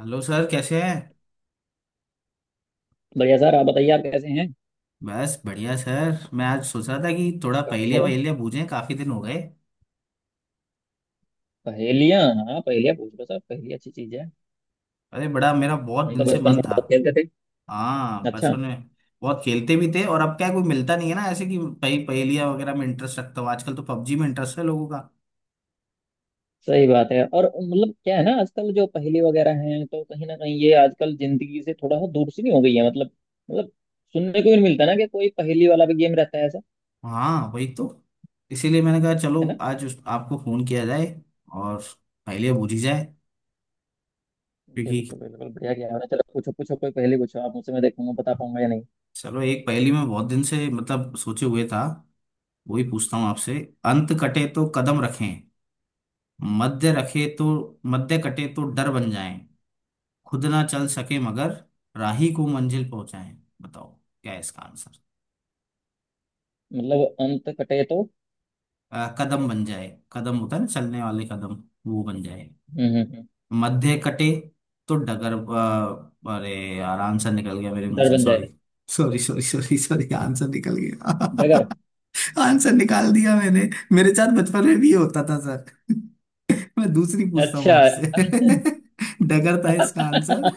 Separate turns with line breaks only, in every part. Hello sir, कैसे हैं।
बढ़िया सर। आप बताइए, आप कैसे हैं?
बस बढ़िया सर, मैं आज सोचा था कि थोड़ा
ओ।
पहेलियाँ वहेलियाँ बूझें, काफ़ी दिन हो गए।
पहेलियाँ, हाँ, पहेलियाँ पूछ लो सर, पहेली अच्छी चीज है।
अरे, बड़ा मेरा बहुत
हम तो
दिन से
बचपन
मन
में
था।
बहुत खेलते थे।
हाँ,
अच्छा।
बचपन में बहुत खेलते भी थे, और अब क्या है, कोई मिलता नहीं है ना ऐसे कि पहेलियाँ वगैरह में इंटरेस्ट रखता हूँ। आजकल तो पबजी में इंटरेस्ट है लोगों का।
सही बात है। और मतलब क्या है ना, आजकल जो पहेली वगैरह हैं तो कहीं ना कहीं ये आजकल जिंदगी से थोड़ा सा दूर सी नहीं हो गई है। मतलब सुनने को भी नहीं मिलता ना कि कोई पहेली वाला भी गेम रहता है ऐसा।
हाँ, वही तो। इसीलिए मैंने कहा चलो
है ना।
आज आपको फ़ोन किया जाए और पहेलियाँ बूझी जाए। क्योंकि
बिल्कुल बिल्कुल, बढ़िया गया है। चलो, पूछो पूछो कोई पहेली, पूछो आप मुझसे, मैं देखूंगा बता पाऊंगा या नहीं।
चलो, एक पहेली में बहुत दिन से मतलब सोचे हुए था, वही पूछता हूँ आपसे। अंत कटे तो कदम रखें, मध्य रखे तो, मध्य कटे तो डर बन जाएं, खुद ना चल सके मगर राही को मंजिल पहुंचाएं। बताओ क्या है इसका आंसर।
मतलब अंत कटे तो।
कदम बन जाए। कदम होता है ना, चलने वाले कदम, वो बन जाए।
हम्म। हम्म। हम्म।
मध्य कटे तो डगर अरे यार, आंसर निकल गया मेरे मुंह
डर
से।
बन
सॉरी
जाए।
Sorry sorry sorry sorry, answer निकल
डगर।
गया। आंसर निकाल दिया मैंने। मेरे साथ बचपन में भी ये होता था सर। मैं दूसरी पूछता हूँ
अच्छा।
आपसे। डगर था इसका आंसर।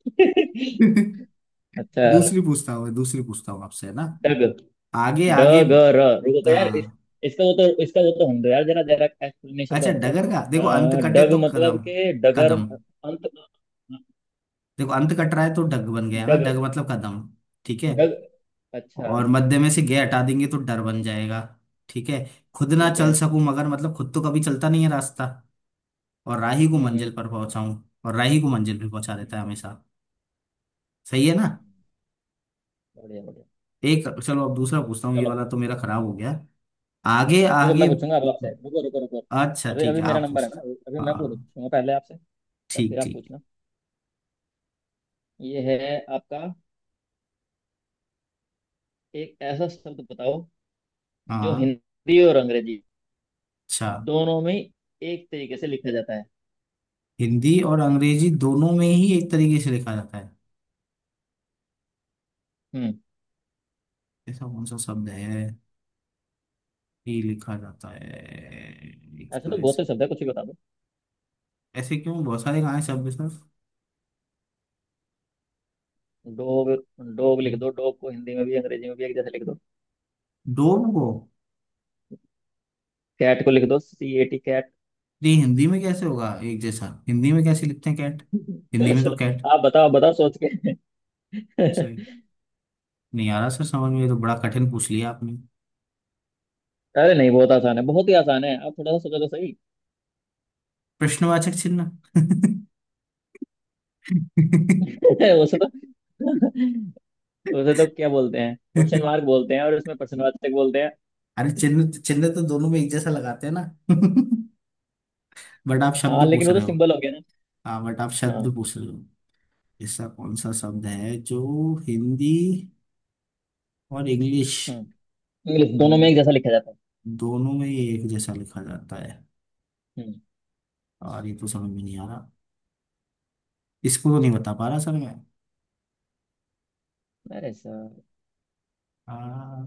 दूसरी
अच्छा।
पूछता हूँ दूसरी पूछता हूँ आपसे, है ना।
डग,
आगे आगे।
डग र, रुको तो यार
हाँ।
इसका वो तो होगा यार, जरा जरा एक्सप्लेनेशन तो
अच्छा,
होगा।
डगर का देखो, अंत कटे
डग
तो
मतलब
कदम।
के डगर
कदम।
अंत।
देखो अंत कट रहा है तो डग बन गया ना, डग
डग
मतलब कदम। ठीक है।
डग। अच्छा।
और मध्य में से गे हटा देंगे तो डर बन जाएगा। ठीक है। खुद ना
ठीक
चल
है।
सकूं मगर, मतलब खुद तो कभी चलता नहीं है रास्ता, और राही को
हम्म। हम्म।
मंजिल पर पहुंचाऊं। और राही को मंजिल पे पहुंचा देता है
हम्म।
हमेशा। सही है ना।
हम्म। बढ़िया बढ़िया।
एक, चलो अब दूसरा पूछता हूँ, ये
चलो।
वाला तो मेरा खराब हो गया। आगे
रुको,
आगे।
मैं पूछूंगा अब आपसे, रुको रुको रुको।
अच्छा,
अभी
ठीक
अभी
है,
मेरा
आप
नंबर
पूछ।
है ना। अभी मैं
हाँ,
पूछूंगा पहले आपसे। तब
ठीक
फिर आप
ठीक।
पूछना। ये है आपका। एक ऐसा शब्द बताओ जो
हाँ।
हिंदी और अंग्रेजी
अच्छा।
दोनों में एक तरीके से लिखा जाता है।
हिंदी और अंग्रेजी दोनों में ही एक तरीके से लिखा जाता है,
हम्म।
ऐसा कौन सा शब्द है ही लिखा जाता है एक
ऐसे तो
तरह
बहुत से
से।
शब्द है, कुछ भी बता दो।
ऐसे क्यों, बहुत सारे कहाँ हैं, सब बिजनेस।
डॉग, डॉग लिख दो, डॉग को हिंदी में भी अंग्रेजी में भी एक जैसे लिख दो।
डोम को।
कैट को लिख दो, CAT कैट।
ये हिंदी में कैसे होगा एक जैसा, हिंदी में कैसे लिखते हैं कैट। हिंदी
चलो
में तो
चलो।
कैट।
आप बताओ, आप बताओ सोच के।
सही। नहीं आ रहा सर समझ में, ये तो बड़ा कठिन पूछ लिया आपने।
अरे नहीं, बहुत आसान है, बहुत ही आसान है, आप थोड़ा सा सोचो तो सही।
प्रश्नवाचक चिन्ह।
उसे तो उसे तो क्या बोलते हैं? क्वेश्चन मार्क बोलते हैं, और उसमें प्रश्नवाचक बोलते हैं।
अरे चिन्ह, चिन्ह तो दोनों में एक जैसा लगाते हैं ना। बट आप शब्द
हाँ, लेकिन
पूछ
वो तो
रहे हो।
सिंबल हो गया ना।
हाँ, बट आप
हाँ।
शब्द पूछ रहे हो। ऐसा कौन सा शब्द है जो हिंदी और इंग्लिश
हम्म। इंग्लिश दोनों में एक जैसा लिखा जाता है।
दोनों में ये एक जैसा लिखा जाता है।
हम्म।
और ये तो समझ में नहीं आ रहा। इसको तो नहीं बता पा रहा सर मैं।
अरे सर।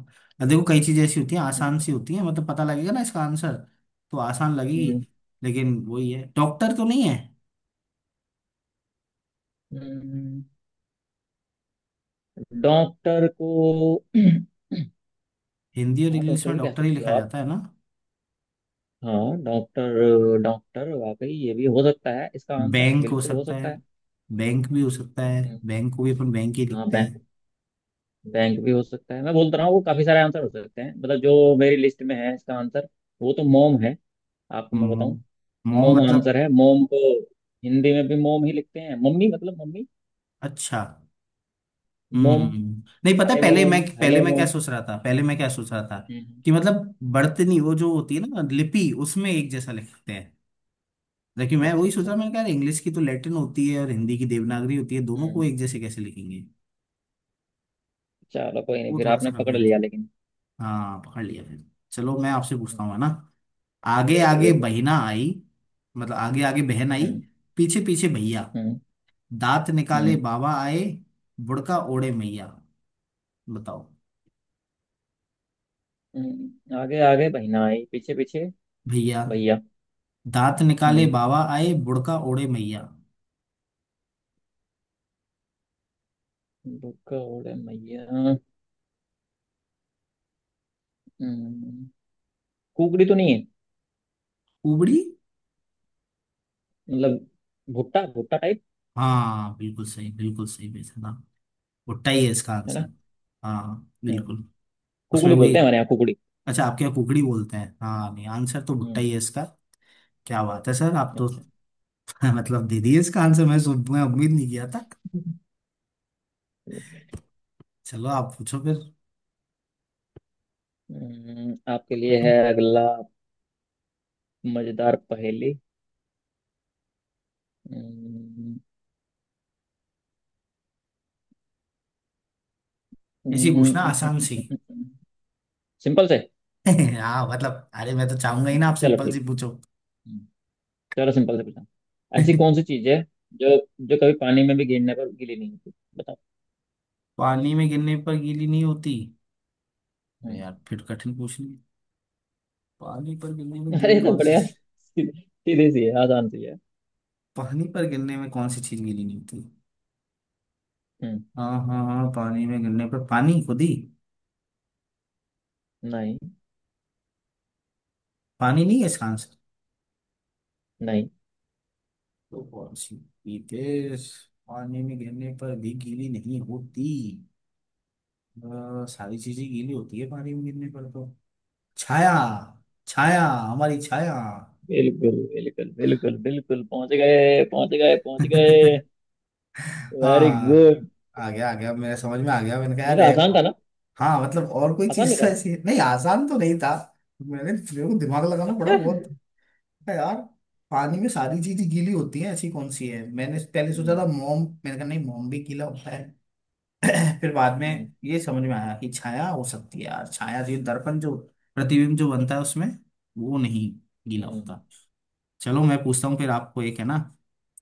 देखो कई चीजें ऐसी होती हैं आसान सी होती हैं, मतलब पता लगेगा ना इसका आंसर तो आसान लगेगी। लेकिन वही है, डॉक्टर तो नहीं है।
डॉक्टर को
हिंदी और
हाँ,
इंग्लिश
डॉक्टर
में
भी कह
डॉक्टर ही
सकते हो
लिखा
आप।
जाता है ना।
हाँ, डॉक्टर डॉक्टर, वाकई ये भी हो सकता है इसका आंसर,
बैंक हो
बिल्कुल हो
सकता है।
सकता है।
बैंक भी हो सकता है, बैंक
हम्म।
को भी अपन बैंक ही
हाँ,
लिखते हैं।
बैंक। बैंक भी हो सकता है, मैं बोलता रहा हूँ वो, काफी सारे आंसर हो सकते हैं मतलब, जो मेरी लिस्ट में है इसका आंसर वो तो मोम है। आपको मैं
मोम।
बताऊं।
मोम
मोम
मतलब।
आंसर है। मोम को हिंदी में भी मोम ही लिखते हैं, मम्मी मतलब मम्मी।
अच्छा।
मोम।
हम्म, नहीं पता है।
हाय मोम,
पहले
हेलो
मैं क्या
मोम।
सोच रहा था पहले मैं क्या सोच रहा था
हम्म।
कि मतलब बर्तनी, वो जो होती है ना लिपि, उसमें एक जैसा लिखते हैं। जबकि मैं
अच्छा
वही सोच रहा,
अच्छा।
मैंने कहा यार, इंग्लिश की तो लैटिन होती है और हिंदी की देवनागरी होती है, दोनों को
हम्म।
एक जैसे कैसे लिखेंगे।
चलो कोई नहीं,
वो
फिर
थोड़ा सा
आपने पकड़
कंफ्यूज थे।
लिया लेकिन।
हाँ, पकड़ लिया फिर। चलो मैं आपसे पूछता
हम्म।
हूँ, है ना। आगे
बिल्कुल
आगे
बिल्कुल।
बहना आई, मतलब आगे आगे बहन आई,
हम्म।
पीछे पीछे भैया,
हम्म।
दांत निकाले
हम्म।
बाबा आए, बुड़का ओढ़े मैया। बताओ।
हम्म। आगे आगे बहना आई, पीछे पीछे
भैया
भैया।
दांत निकाले
हम्म।
बाबा आए बुड़का ओढ़े मैया।
भुक्का ओले मैया। हम्म। कुकड़ी तो नहीं है?
उबड़ी।
मतलब भुट्टा, भुट्टा टाइप?
हाँ, बिल्कुल सही बेटा, भुट्टा ही है इसका
है ना।
आंसर। हाँ,
हम्म।
बिल्कुल। उसमें
कुकड़ी
वही।
बोलते हैं हमारे यहाँ, कुकड़ी।
अच्छा, आपके यहाँ कुकड़ी बोलते हैं, हाँ, नहीं आंसर तो भुट्टा
हम्म।
ही है इसका। क्या बात है सर, आप तो
अच्छा।
मतलब दे दिए इसका आंसर, मैं मैं उम्मीद नहीं किया था। चलो आप पूछो फिर।
हम्म। आपके लिए है अगला, मजेदार पहेली। हम्म। हम्म।
ऐसी पूछना
हम्म।
आसान सी।
हम्म। हम्म। सिंपल से।
हाँ मतलब, अरे मैं तो चाहूंगा ही ना
अच्छा,
आप
चलो
सिंपल
ठीक।
सी पूछो।
हम्म। चलो सिंपल से पूछा। ऐसी कौन सी चीज है जो जो कभी पानी में भी गिरने पर गीली नहीं होती? बताओ।
पानी में गिरने पर गीली नहीं होती। अरे
हम्म।
यार, फिर कठिन पूछ। पानी पर गिरने में
अरे
गीली
ये तो
कौन सी
बढ़िया,
चीज।
सीधे सीधे सी है, आसान सी है।
पानी पर गिरने में कौन सी चीज गीली नहीं होती।
हम्म।
हाँ हाँ हाँ, पानी में गिरने पर पानी खुद ही।
नहीं।
पानी नहीं है इसका आंसर।
नहीं।
तो कौन सी पीतेस। पानी में गिरने पर भी गीली नहीं होती। सारी चीजें गीली होती है पानी में गिरने पर तो। छाया। छाया, हमारी छाया।
बिल्कुल बिल्कुल बिल्कुल बिल्कुल, पहुंच गए पहुंच गए पहुंच गए। वेरी
हाँ,
गुड।
आ गया मेरे समझ में आ गया, मैंने कहा यार
देखा आसान
ये-।
था ना।
हाँ मतलब और कोई
आसान
चीज तो
निकला।
ऐसी नहीं, आसान तो नहीं था, मैंने मेरे को दिमाग लगाना पड़ा
अच्छा।
बहुत। अरे यार, पानी में सारी चीजें गीली होती हैं, ऐसी कौन सी है। मैंने पहले सोचा
हम्म।
था मोम, मैंने कहा नहीं, मोम भी गीला होता है। फिर बाद
हम्म।
में ये समझ में आया कि छाया हो सकती है यार, छाया जो दर्पण जो प्रतिबिंब जो बनता है उसमें, वो नहीं गीला
हम्म।
होता। चलो मैं पूछता हूँ फिर आपको एक, है ना।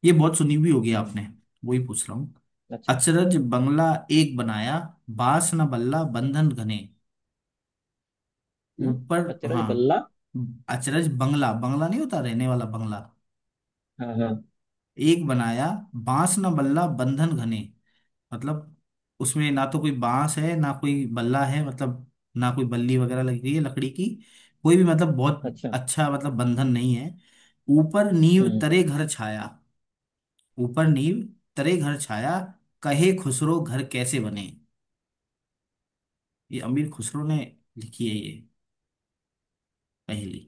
ये बहुत सुनी हुई होगी
हम्म।
आपने, वही पूछ रहा हूँ।
अच्छा।
अचरज बंगला एक बनाया, बांस न बल्ला बंधन घने,
हम्म।
ऊपर।
अचरज
हाँ,
बल्ला।
अचरज बंगला, बंगला नहीं होता रहने वाला बंगला,
हाँ हाँ।
एक बनाया बांस न बल्ला बंधन घने, मतलब उसमें ना तो कोई बांस है ना कोई बल्ला है, मतलब ना कोई बल्ली वगैरह लगी हुई है लकड़ी की, कोई भी मतलब बहुत।
अच्छा।
अच्छा मतलब बंधन नहीं है। ऊपर नींव
हम्म।
तरे घर छाया। ऊपर नींव तरे घर छाया, कहे खुसरो घर कैसे बने। ये अमीर खुसरो ने लिखी है ये पहली।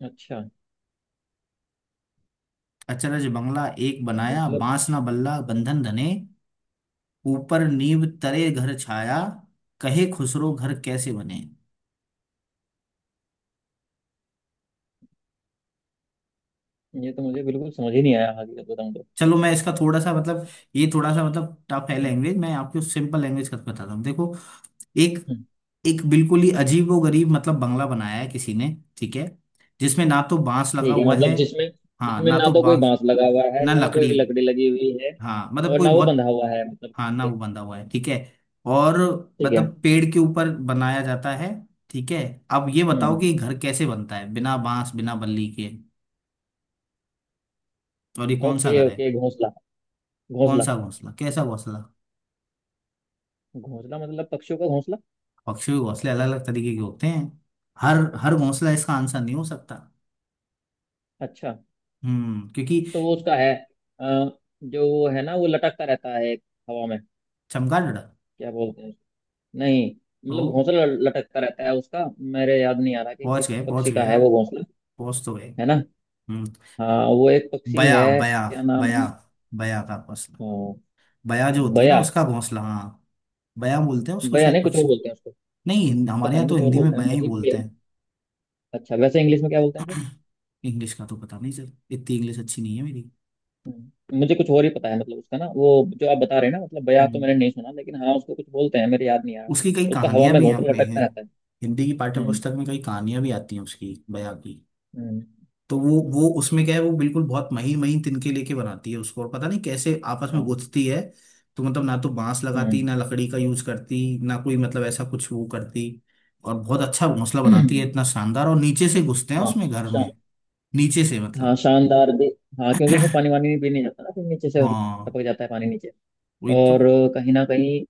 अच्छा
अचरज बंगला एक बनाया
मतलब,
बांस न बल्ला बंधन घने, ऊपर नींव तरे घर छाया, कहे खुसरो घर कैसे बने।
ये तो मुझे बिल्कुल समझ ही नहीं आया हकीकत बताऊं तो।
चलो मैं इसका थोड़ा सा मतलब, ये थोड़ा सा मतलब टफ है
हम्म।
लैंग्वेज, मैं आपको सिंपल लैंग्वेज करके बताता हूँ। देखो, एक
हम्म।
एक बिल्कुल ही अजीबोगरीब मतलब बंगला बनाया है किसी ने। ठीक है। जिसमें ना तो बांस लगा
ठीक है
हुआ
मतलब
है।
जिसमें
हाँ,
जिसमें
ना
ना
तो
तो कोई
बांस
बांस लगा हुआ है
ना
ना कोई
लकड़ी।
लकड़ी लगी हुई है,
हाँ मतलब
और
कोई
ना वो
बहुत।
बंधा हुआ है, मतलब
हाँ ना
किससे।
वो बंधा हुआ है। ठीक है। और
ठीक है।
मतलब पेड़ के ऊपर बनाया जाता है। ठीक है, अब ये बताओ कि
हम्म।
ये घर कैसे बनता है बिना बांस बिना बल्ली के, और ये कौन सा
ओके
घर है।
ओके, घोंसला,
कौन
घोंसला।
सा घोंसला, कैसा घोंसला।
घोंसला मतलब पक्षियों का घोंसला।
पक्षियों के घोंसले अलग अलग तरीके के होते हैं, हर हर घोंसला इसका आंसर नहीं हो सकता।
अच्छा।
हम्म, क्योंकि।
तो वो उसका है। जो वो है ना, वो लटकता रहता है एक हवा में।
चमगादड़।
क्या बोलते हैं उसको? नहीं। मतलब
तो
घोंसला लटकता रहता है उसका। मेरे याद नहीं आ रहा कि किस पक्षी
पहुंच
का
गए
है
आप,
वो घोंसला।
पहुंच तो गए।
है ना।
हम्म।
हाँ, वो एक पक्षी है,
बया बया।
क्या नाम
बया।
है उसका?
बया का घोंसला।
अ,
बया जो होती है ना
बया।
उसका घोंसला, हाँ। बया बोलते हैं उसको
बया
शायद
नहीं, कुछ और
पक्षी।
बोलते हैं उसको।
नहीं हमारे
पता
यहाँ
नहीं,
तो
कुछ और
हिंदी में
बोलते हैं
बया ही
मुझे, बया।
बोलते हैं।
अच्छा, वैसे इंग्लिश में क्या बोलते हैं उसे?
इंग्लिश का तो पता नहीं सर, इतनी इंग्लिश अच्छी नहीं है मेरी।
मुझे कुछ और ही पता है, मतलब उसका ना वो, जो आप बता रहे हैं ना, मतलब बया तो
हम्म।
मैंने नहीं सुना, लेकिन हाँ उसको कुछ बोलते हैं, मेरे याद नहीं आ रहा।
उसकी कई
उसका हवा
कहानियां
में
भी हैं
घोंसला
अपने हैं।
लटकता रहता है।
हिंदी की पाठ्य
हम्म।
पुस्तक में कई कहानियां भी आती हैं उसकी, बया की।
हम्म।
तो वो उसमें क्या है, वो बिल्कुल बहुत महीन महीन तिनके लेके बनाती है उसको, और पता नहीं कैसे आपस में
हाँ।
गुथती है। तो मतलब ना तो बांस लगाती,
हम्म।
ना लकड़ी का यूज करती, ना कोई मतलब ऐसा कुछ वो करती, और बहुत अच्छा घोंसला बनाती है इतना शानदार, और नीचे से घुसते हैं
हाँ
उसमें घर
शा,
में। नीचे से
हाँ,
मतलब,
शानदार भी। हाँ, क्योंकि उसमें पानी वानी भी नहीं जाता ना, फिर नीचे से
हाँ
टपक जाता है पानी नीचे।
वही तो।
और कहीं ना कहीं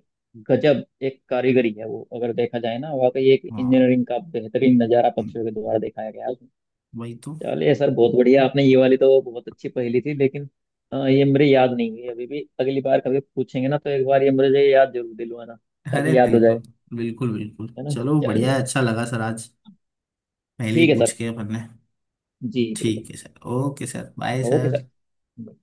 गजब एक कारीगरी है वो, अगर देखा जाए ना, वाकई एक
हाँ।
इंजीनियरिंग का बेहतरीन नजारा
हम्म,
पक्षियों के द्वारा दिखाया गया है उसमें।
वही तो।
चलिए सर, बहुत बढ़िया, आपने ये वाली तो बहुत अच्छी पहेली थी लेकिन ये मेरे याद नहीं हुई अभी भी, अगली बार कभी पूछेंगे ना तो एक बार ये मुझे याद जरूर दिलवाना,
अरे
ताकि याद हो
बिल्कुल
जाए।
बिल्कुल बिल्कुल,
है ना।
चलो बढ़िया है,
चलिए।
अच्छा लगा सर आज पहले ही
ठीक है
पूछ
सर।
के अपन ने।
जी बिल्कुल।
ठीक है sir, okay sir, bye
okay sir.
Sir.